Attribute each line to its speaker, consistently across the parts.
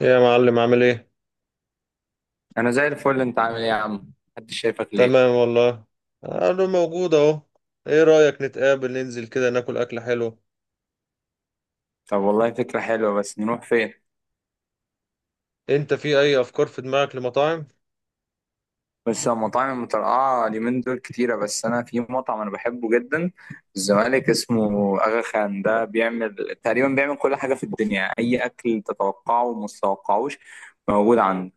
Speaker 1: إيه يا معلم، عامل ايه؟
Speaker 2: انا زي الفل. انت عامل ايه يا عم، محدش شايفك ليه؟
Speaker 1: تمام والله. انا موجود اهو. ايه رأيك نتقابل ننزل كده ناكل اكل حلو؟
Speaker 2: طب والله فكره حلوه، بس نروح فين؟
Speaker 1: انت في اي افكار في دماغك لمطاعم؟
Speaker 2: بس المطاعم المترقعه اليومين دول كتيره. بس انا في مطعم انا بحبه جدا في الزمالك اسمه اغا خان. ده بيعمل تقريبا، بيعمل كل حاجه في الدنيا، اي اكل تتوقعه وما تتوقعوش موجود عنده.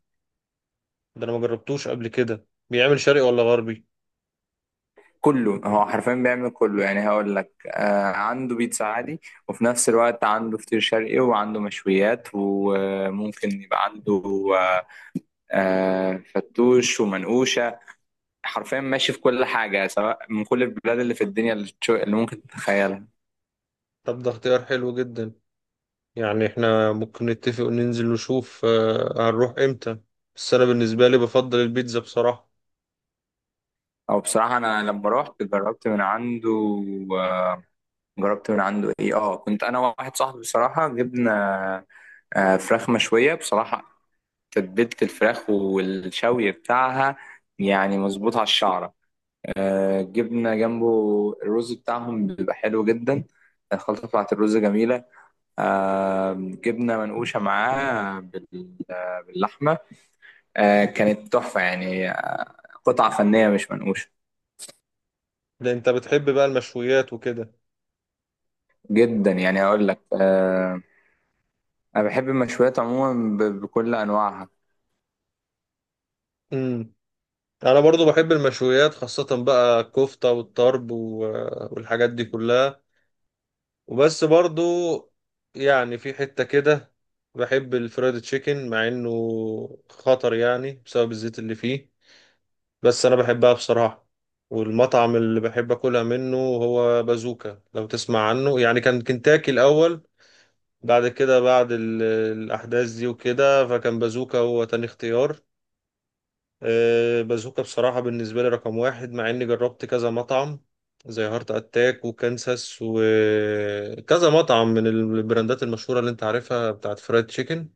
Speaker 1: ده انا ما جربتوش قبل كده، بيعمل شرقي ولا غربي؟
Speaker 2: كله، هو حرفيا بيعمل كله. يعني هقول لك عنده بيتزا عادي، وفي نفس الوقت عنده فطير شرقي وعنده مشويات، وممكن يبقى عنده آه فتوش ومنقوشة. حرفيا ماشي في كل حاجة، سواء من كل البلاد اللي في الدنيا، اللي ممكن تتخيلها.
Speaker 1: طب ده اختيار حلو جدا. يعني احنا ممكن نتفق وننزل نشوف، هنروح امتى. بس انا بالنسبة لي بفضل البيتزا بصراحة.
Speaker 2: أو بصراحة أنا لما روحت جربت من عنده. آه، جربت من عنده إيه آه كنت أنا وواحد صاحبي، بصراحة جبنا فراخ مشوية. بصراحة تتبيلة الفراخ والشوي بتاعها يعني مظبوط على الشعرة. جبنا جنبه الرز بتاعهم، بيبقى حلو جدا، الخلطة بتاعت الرز جميلة. جبنا منقوشة معاه باللحمة. آه كانت تحفة يعني، آه قطعة فنية، مش منقوشة.
Speaker 1: ده انت بتحب بقى المشويات وكده.
Speaker 2: جدا يعني، هقول لك آه. أنا بحب المشويات عموما بكل أنواعها.
Speaker 1: امم انا برضو بحب المشويات، خاصة بقى الكفتة والطرب والحاجات دي كلها. وبس برضو، يعني في حتة كده بحب الفرايد تشيكن مع انه خطر يعني بسبب الزيت اللي فيه، بس انا بحبها بصراحة. والمطعم اللي بحب اكلها منه هو بازوكا، لو تسمع عنه يعني. كان كنتاكي الاول، بعد كده بعد الاحداث دي وكده، فكان بازوكا هو تاني اختيار. بازوكا بصراحة بالنسبة لي رقم واحد، مع إني جربت كذا مطعم زي هارت أتاك وكانساس وكذا مطعم من البراندات المشهورة اللي أنت عارفها بتاعت فرايد تشيكن.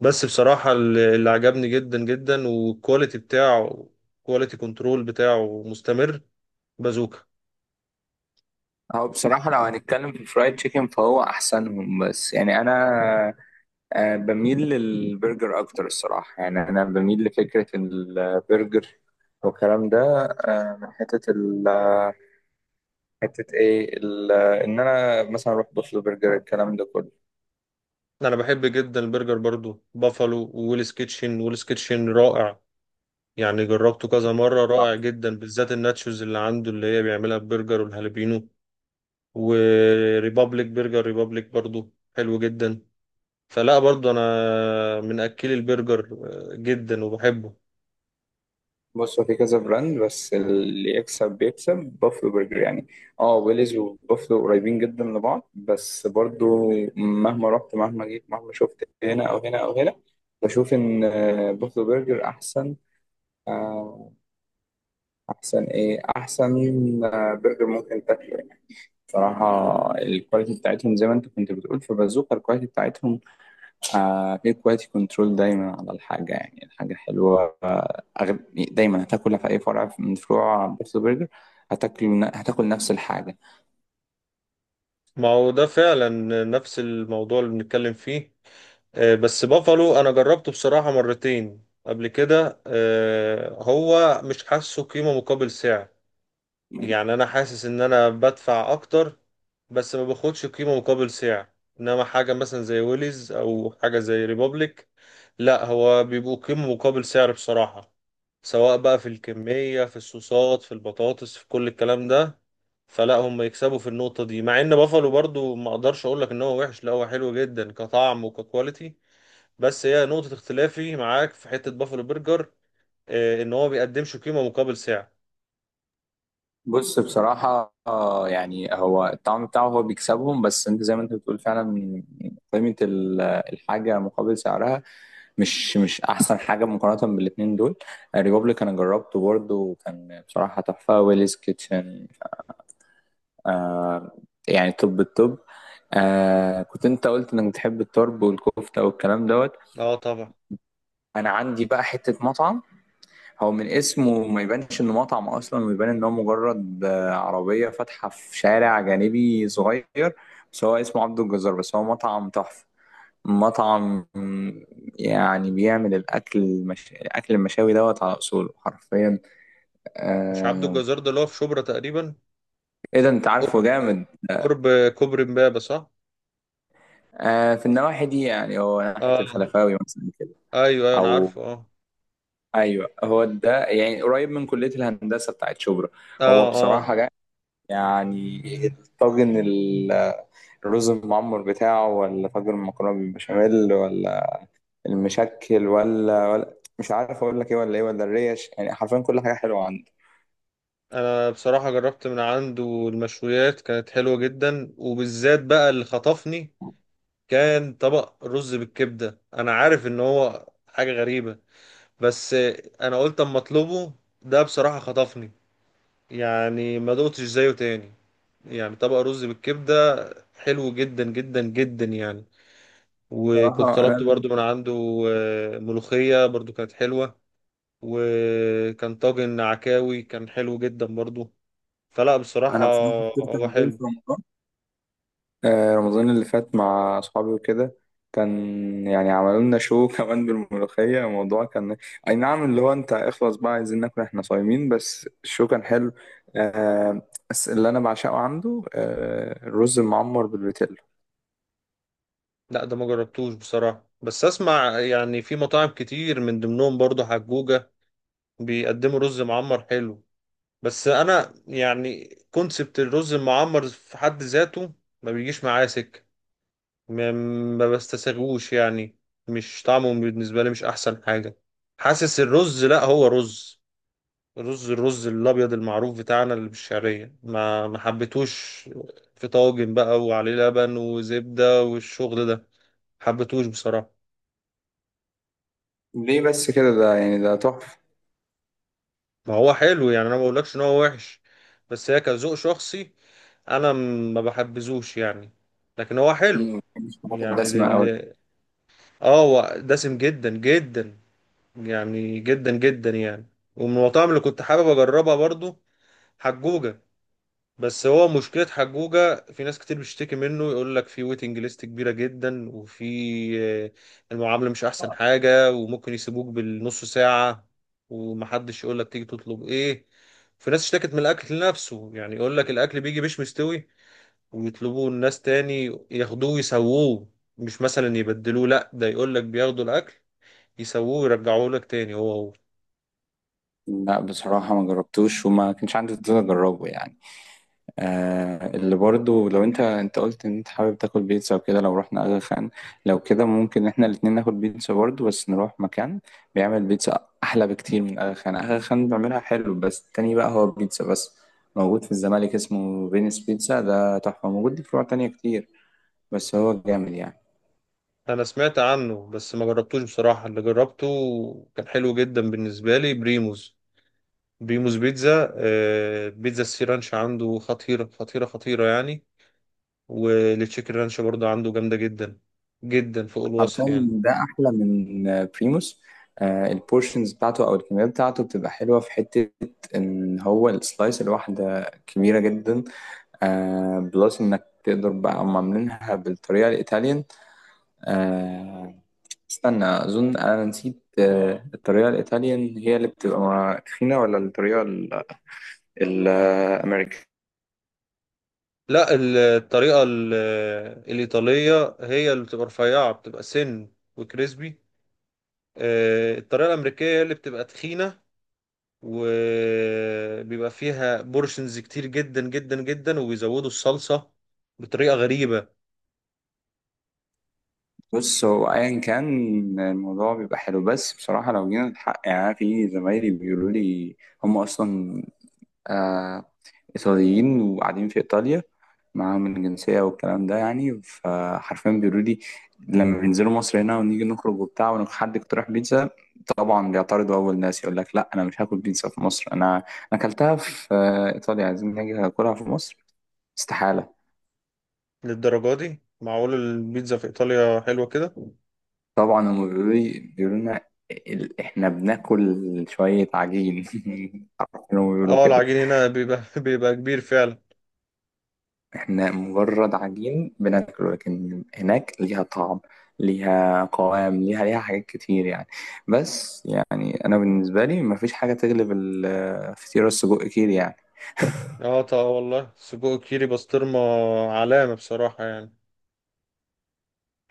Speaker 1: بس بصراحة اللي عجبني جدا جدا، والكواليتي بتاعه، كواليتي كنترول بتاعه مستمر، بازوكا.
Speaker 2: هو بصراحة لو هنتكلم في الفرايد تشيكن فهو أحسنهم، بس يعني أنا آه بميل للبرجر أكتر الصراحة. يعني أنا بميل لفكرة البرجر والكلام ده، من حتة ال حتة إيه ال إن أنا مثلا أروح بوفلو برجر الكلام ده كله.
Speaker 1: أنا بحب جدا البرجر برضو، بافالو وويلز كيتشن. ويلز كيتشن رائع، يعني جربته كذا مرة رائع جدا، بالذات الناتشوز اللي عنده اللي هي بيعملها ببرجر والهالبينو. وريبابليك برجر، ريبابليك برضو حلو جدا. فلا برضو انا من اكلي البرجر، جدا وبحبه.
Speaker 2: بص، هو في كذا براند بس اللي يكسب بيكسب، بافلو برجر يعني. اه ويليز وبافلو قريبين جدا لبعض، بس برضو مهما رحت مهما جيت مهما شفت هنا او هنا او هنا، بشوف ان بافلو برجر احسن. آه، احسن ايه احسن آه، برجر ممكن تاكله يعني. بصراحة الكواليتي بتاعتهم، زي ما انت كنت بتقول في بازوكا، الكواليتي بتاعتهم هتلاقي كواليتي كنترول دايما على الحاجة. يعني الحاجة حلوة، دايما هتاكلها في أي فرع من فروع بيرث برجر. هتاكل نفس الحاجة.
Speaker 1: ما هو ده فعلا نفس الموضوع اللي بنتكلم فيه. بس بافالو انا جربته بصراحة مرتين قبل كده، هو مش حاسه قيمة مقابل سعر. يعني انا حاسس ان انا بدفع اكتر بس ما باخدش قيمة مقابل سعر. انما حاجة مثلا زي ويليز او حاجة زي ريبوبليك، لا هو بيبقوا قيمة مقابل سعر بصراحة، سواء بقى في الكمية في الصوصات في البطاطس في كل الكلام ده. فلا هم يكسبوا في النقطة دي، مع ان بافالو برضو ما اقدرش اقول لك ان هو وحش، لا هو حلو جدا كطعم وككواليتي، بس هي نقطة اختلافي معاك في حتة بافالو برجر، ان هو بيقدمش قيمة مقابل سعر.
Speaker 2: بص بصراحة آه، يعني هو الطعم بتاعه هو بيكسبهم، بس أنت زي ما أنت بتقول فعلا، قيمة ال- الحاجة مقابل سعرها مش أحسن حاجة مقارنة بالاتنين دول. الريبوبليك أنا جربته برضه وكان بصراحة تحفة، ويليز كيتشن آه، يعني توب التوب. آه كنت انت قلت انك بتحب الطرب والكفته والكلام دوت.
Speaker 1: اه طبعا.
Speaker 2: انا عندي بقى حته مطعم، هو من اسمه ما يبانش انه مطعم اصلا، ويبان ان هو مجرد عربيه فاتحه في شارع جانبي صغير، بس هو اسمه عبد الجزار. بس هو مطعم تحفه، مطعم يعني بيعمل الاكل المشاوي دوت على اصوله حرفيا،
Speaker 1: مش عبده
Speaker 2: آه.
Speaker 1: الجزار ده اللي هو في شبرا تقريبا؟
Speaker 2: ايه ده انت
Speaker 1: قرب
Speaker 2: عارفه جامد.
Speaker 1: قرب كوبري امبابة صح؟
Speaker 2: آه في النواحي دي، يعني هو ناحيه
Speaker 1: اه،
Speaker 2: الخلفاوي مثلا.
Speaker 1: ايوه ايوه انا
Speaker 2: او
Speaker 1: عارفه، اه.
Speaker 2: ايوه، هو ده، يعني قريب من كليه الهندسه بتاعت شبرا. هو
Speaker 1: اه اه.
Speaker 2: بصراحه جا، يعني الرز المعمر بتاعه، ولا طاجن المكرونه بالبشاميل، ولا المشكل، ولا مش عارف اقول لك ايه، ولا ايه، ولا الريش، يعني حرفيا كل حاجه حلوه عنده.
Speaker 1: انا بصراحة جربت من عنده المشويات، كانت حلوة جدا، وبالذات بقى اللي خطفني كان طبق رز بالكبدة. انا عارف ان هو حاجة غريبة، بس انا قلت اما اطلبه. ده بصراحة خطفني، يعني ما دقتش زيه تاني. يعني طبق رز بالكبدة حلو جدا جدا جدا يعني. وكنت
Speaker 2: بصراحة
Speaker 1: طلبت
Speaker 2: أنا
Speaker 1: برضو من عنده ملوخية برضو كانت حلوة، وكان طاجن عكاوي كان حلو جدا برضو. فلا بصراحة
Speaker 2: أنا بصراحة فطرت
Speaker 1: هو
Speaker 2: عندهم
Speaker 1: حلو.
Speaker 2: في رمضان، رمضان اللي فات مع أصحابي وكده. كان يعني عملوا لنا شو كمان بالملوخية. الموضوع كان أي نعم، اللي هو أنت اخلص بقى، عايزين ناكل، إحنا صايمين، بس الشو كان حلو. آه، بس اللي أنا بعشقه عنده الرز المعمر بالبتلو.
Speaker 1: لا ده ما جربتوش بصراحة، بس اسمع يعني في مطاعم كتير من ضمنهم برضو حجوجة بيقدموا رز معمر حلو. بس انا يعني كونسبت الرز المعمر في حد ذاته ما بيجيش معايا سكة، ما ما بستساغوش يعني. مش طعمه بالنسبة لي مش احسن حاجة. حاسس الرز لا هو رز الرز الابيض المعروف بتاعنا اللي بالشعريه ما حبيتوش. في طاجن بقى وعليه لبن وزبده والشغل ده، حبيتوش بصراحه.
Speaker 2: ليه بس كده؟ ده يعني ده تحفة.
Speaker 1: ما هو حلو يعني، انا ما بقولكش ان هو وحش بس هي كذوق شخصي. انا ما بحبذوش يعني، لكن هو حلو
Speaker 2: مم، ما بحبش الحاجات
Speaker 1: يعني.
Speaker 2: الدسمة أوي.
Speaker 1: اه، هو دسم جدا جدا يعني، جدا جدا يعني. ومن المطاعم اللي كنت حابب اجربها برضو حجوجة، بس هو مشكلة حجوجة في ناس كتير بتشتكي منه، يقول لك في ويتنج ليست كبيرة جدا، وفي آه، المعاملة مش أحسن حاجة، وممكن يسيبوك بالنص ساعة ومحدش يقول لك تيجي تطلب إيه. في ناس اشتكت من الأكل نفسه يعني، يقول لك الأكل بيجي مش مستوي ويطلبوه الناس تاني ياخدوه يسووه، مش مثلا يبدلوه، لأ ده يقول لك بياخدوا الأكل يسووه ويرجعوه لك تاني هو هو.
Speaker 2: لا بصراحة ما جربتوش وما كانش عندي فضول أجربه يعني. آه اللي برضو لو انت قلت ان انت حابب تاكل بيتزا وكده، لو رحنا اغا خان، لو كده ممكن احنا الاتنين ناكل بيتزا برضو، بس نروح مكان بيعمل بيتزا احلى بكتير من اغا خان. اغا خان بيعملها حلو، بس التاني بقى هو بيتزا بس. موجود في الزمالك اسمه فينيس بيتزا، ده تحفة، موجود ليه فروع تانية كتير، بس هو جامد يعني.
Speaker 1: انا سمعت عنه بس ما جربتوش بصراحة، اللي جربته كان حلو جدا بالنسبة لي بريموز. بيموس بيتزا، بيتزا السي رانش عنده خطيرة خطيرة خطيرة يعني، والتشيكن رانش برضه عنده جامدة جدا، جدا فوق الوصف
Speaker 2: حرفيا
Speaker 1: يعني.
Speaker 2: ده احلى من بريموس. آه البورشنز بتاعته او الكميات بتاعته بتبقى حلوة، في حتة ان هو السلايس الواحدة كبيرة جدا. آه بلس انك تقدر بقى، هم عاملينها بالطريقه الايطاليان. آه استنى، اظن انا نسيت، آه الطريقه الايطاليان هي اللي بتبقى تخينه، ولا الامريكان.
Speaker 1: لا الطريقة الإيطالية هي اللي بتبقى رفيعة، بتبقى سن وكريسبي. الطريقة الأمريكية هي اللي بتبقى تخينة، وبيبقى فيها بورشنز كتير جدا جدا جدا، وبيزودوا الصلصة بطريقة غريبة.
Speaker 2: بص هو ايا كان الموضوع بيبقى حلو، بس بصراحه لو جينا الحق يعني، أنا في زمايلي بيقولوا لي هم اصلا آه إيطاليين وقاعدين في إيطاليا، معاهم الجنسية والكلام ده يعني. فحرفيا بيقولوا لي، لما بينزلوا مصر هنا ونيجي نخرج وبتاع، وحد اقترح بيتزا، طبعا بيعترضوا أول ناس، يقول لك لا أنا مش هاكل بيتزا في مصر، أنا أكلتها في إيطاليا، عايزين نيجي أكلها في مصر؟ استحالة.
Speaker 1: للدرجة دي معقول البيتزا في إيطاليا حلوة كده؟
Speaker 2: طبعا هم بيقولوا لي، بيقولوا لنا، إحنا بناكل شوية عجين. عارفين هم بيقولوا
Speaker 1: اه،
Speaker 2: كده.
Speaker 1: العجين هنا بيبقى بيبقى كبير فعلا.
Speaker 2: احنا مجرد عجين بناكله، لكن هناك ليها طعم، ليها قوام، ليها حاجات كتير يعني. بس يعني انا بالنسبه لي مفيش حاجه تغلب الفطيره السجق كيري يعني.
Speaker 1: اه طبعا والله، سجق كيري بسطرمة، علامة بصراحة يعني.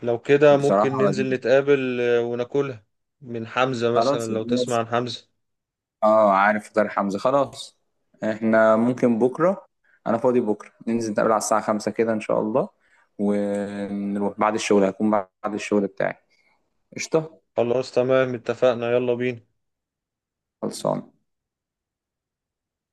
Speaker 1: لو كده
Speaker 2: بصراحه
Speaker 1: ممكن ننزل نتقابل، وناكلها من حمزة مثلا،
Speaker 2: خلاص
Speaker 1: لو تسمع
Speaker 2: الناس،
Speaker 1: عن حمزة.
Speaker 2: اه عارف فطار حمزه. خلاص احنا ممكن بكره، انا فاضي بكره، ننزل نتقابل على الساعه 5 كده ان شاء الله، ونروح بعد الشغل، هكون بعد الشغل بتاعي. قشطه.
Speaker 1: خلاص تمام اتفقنا، يلا بينا.
Speaker 2: خلصان.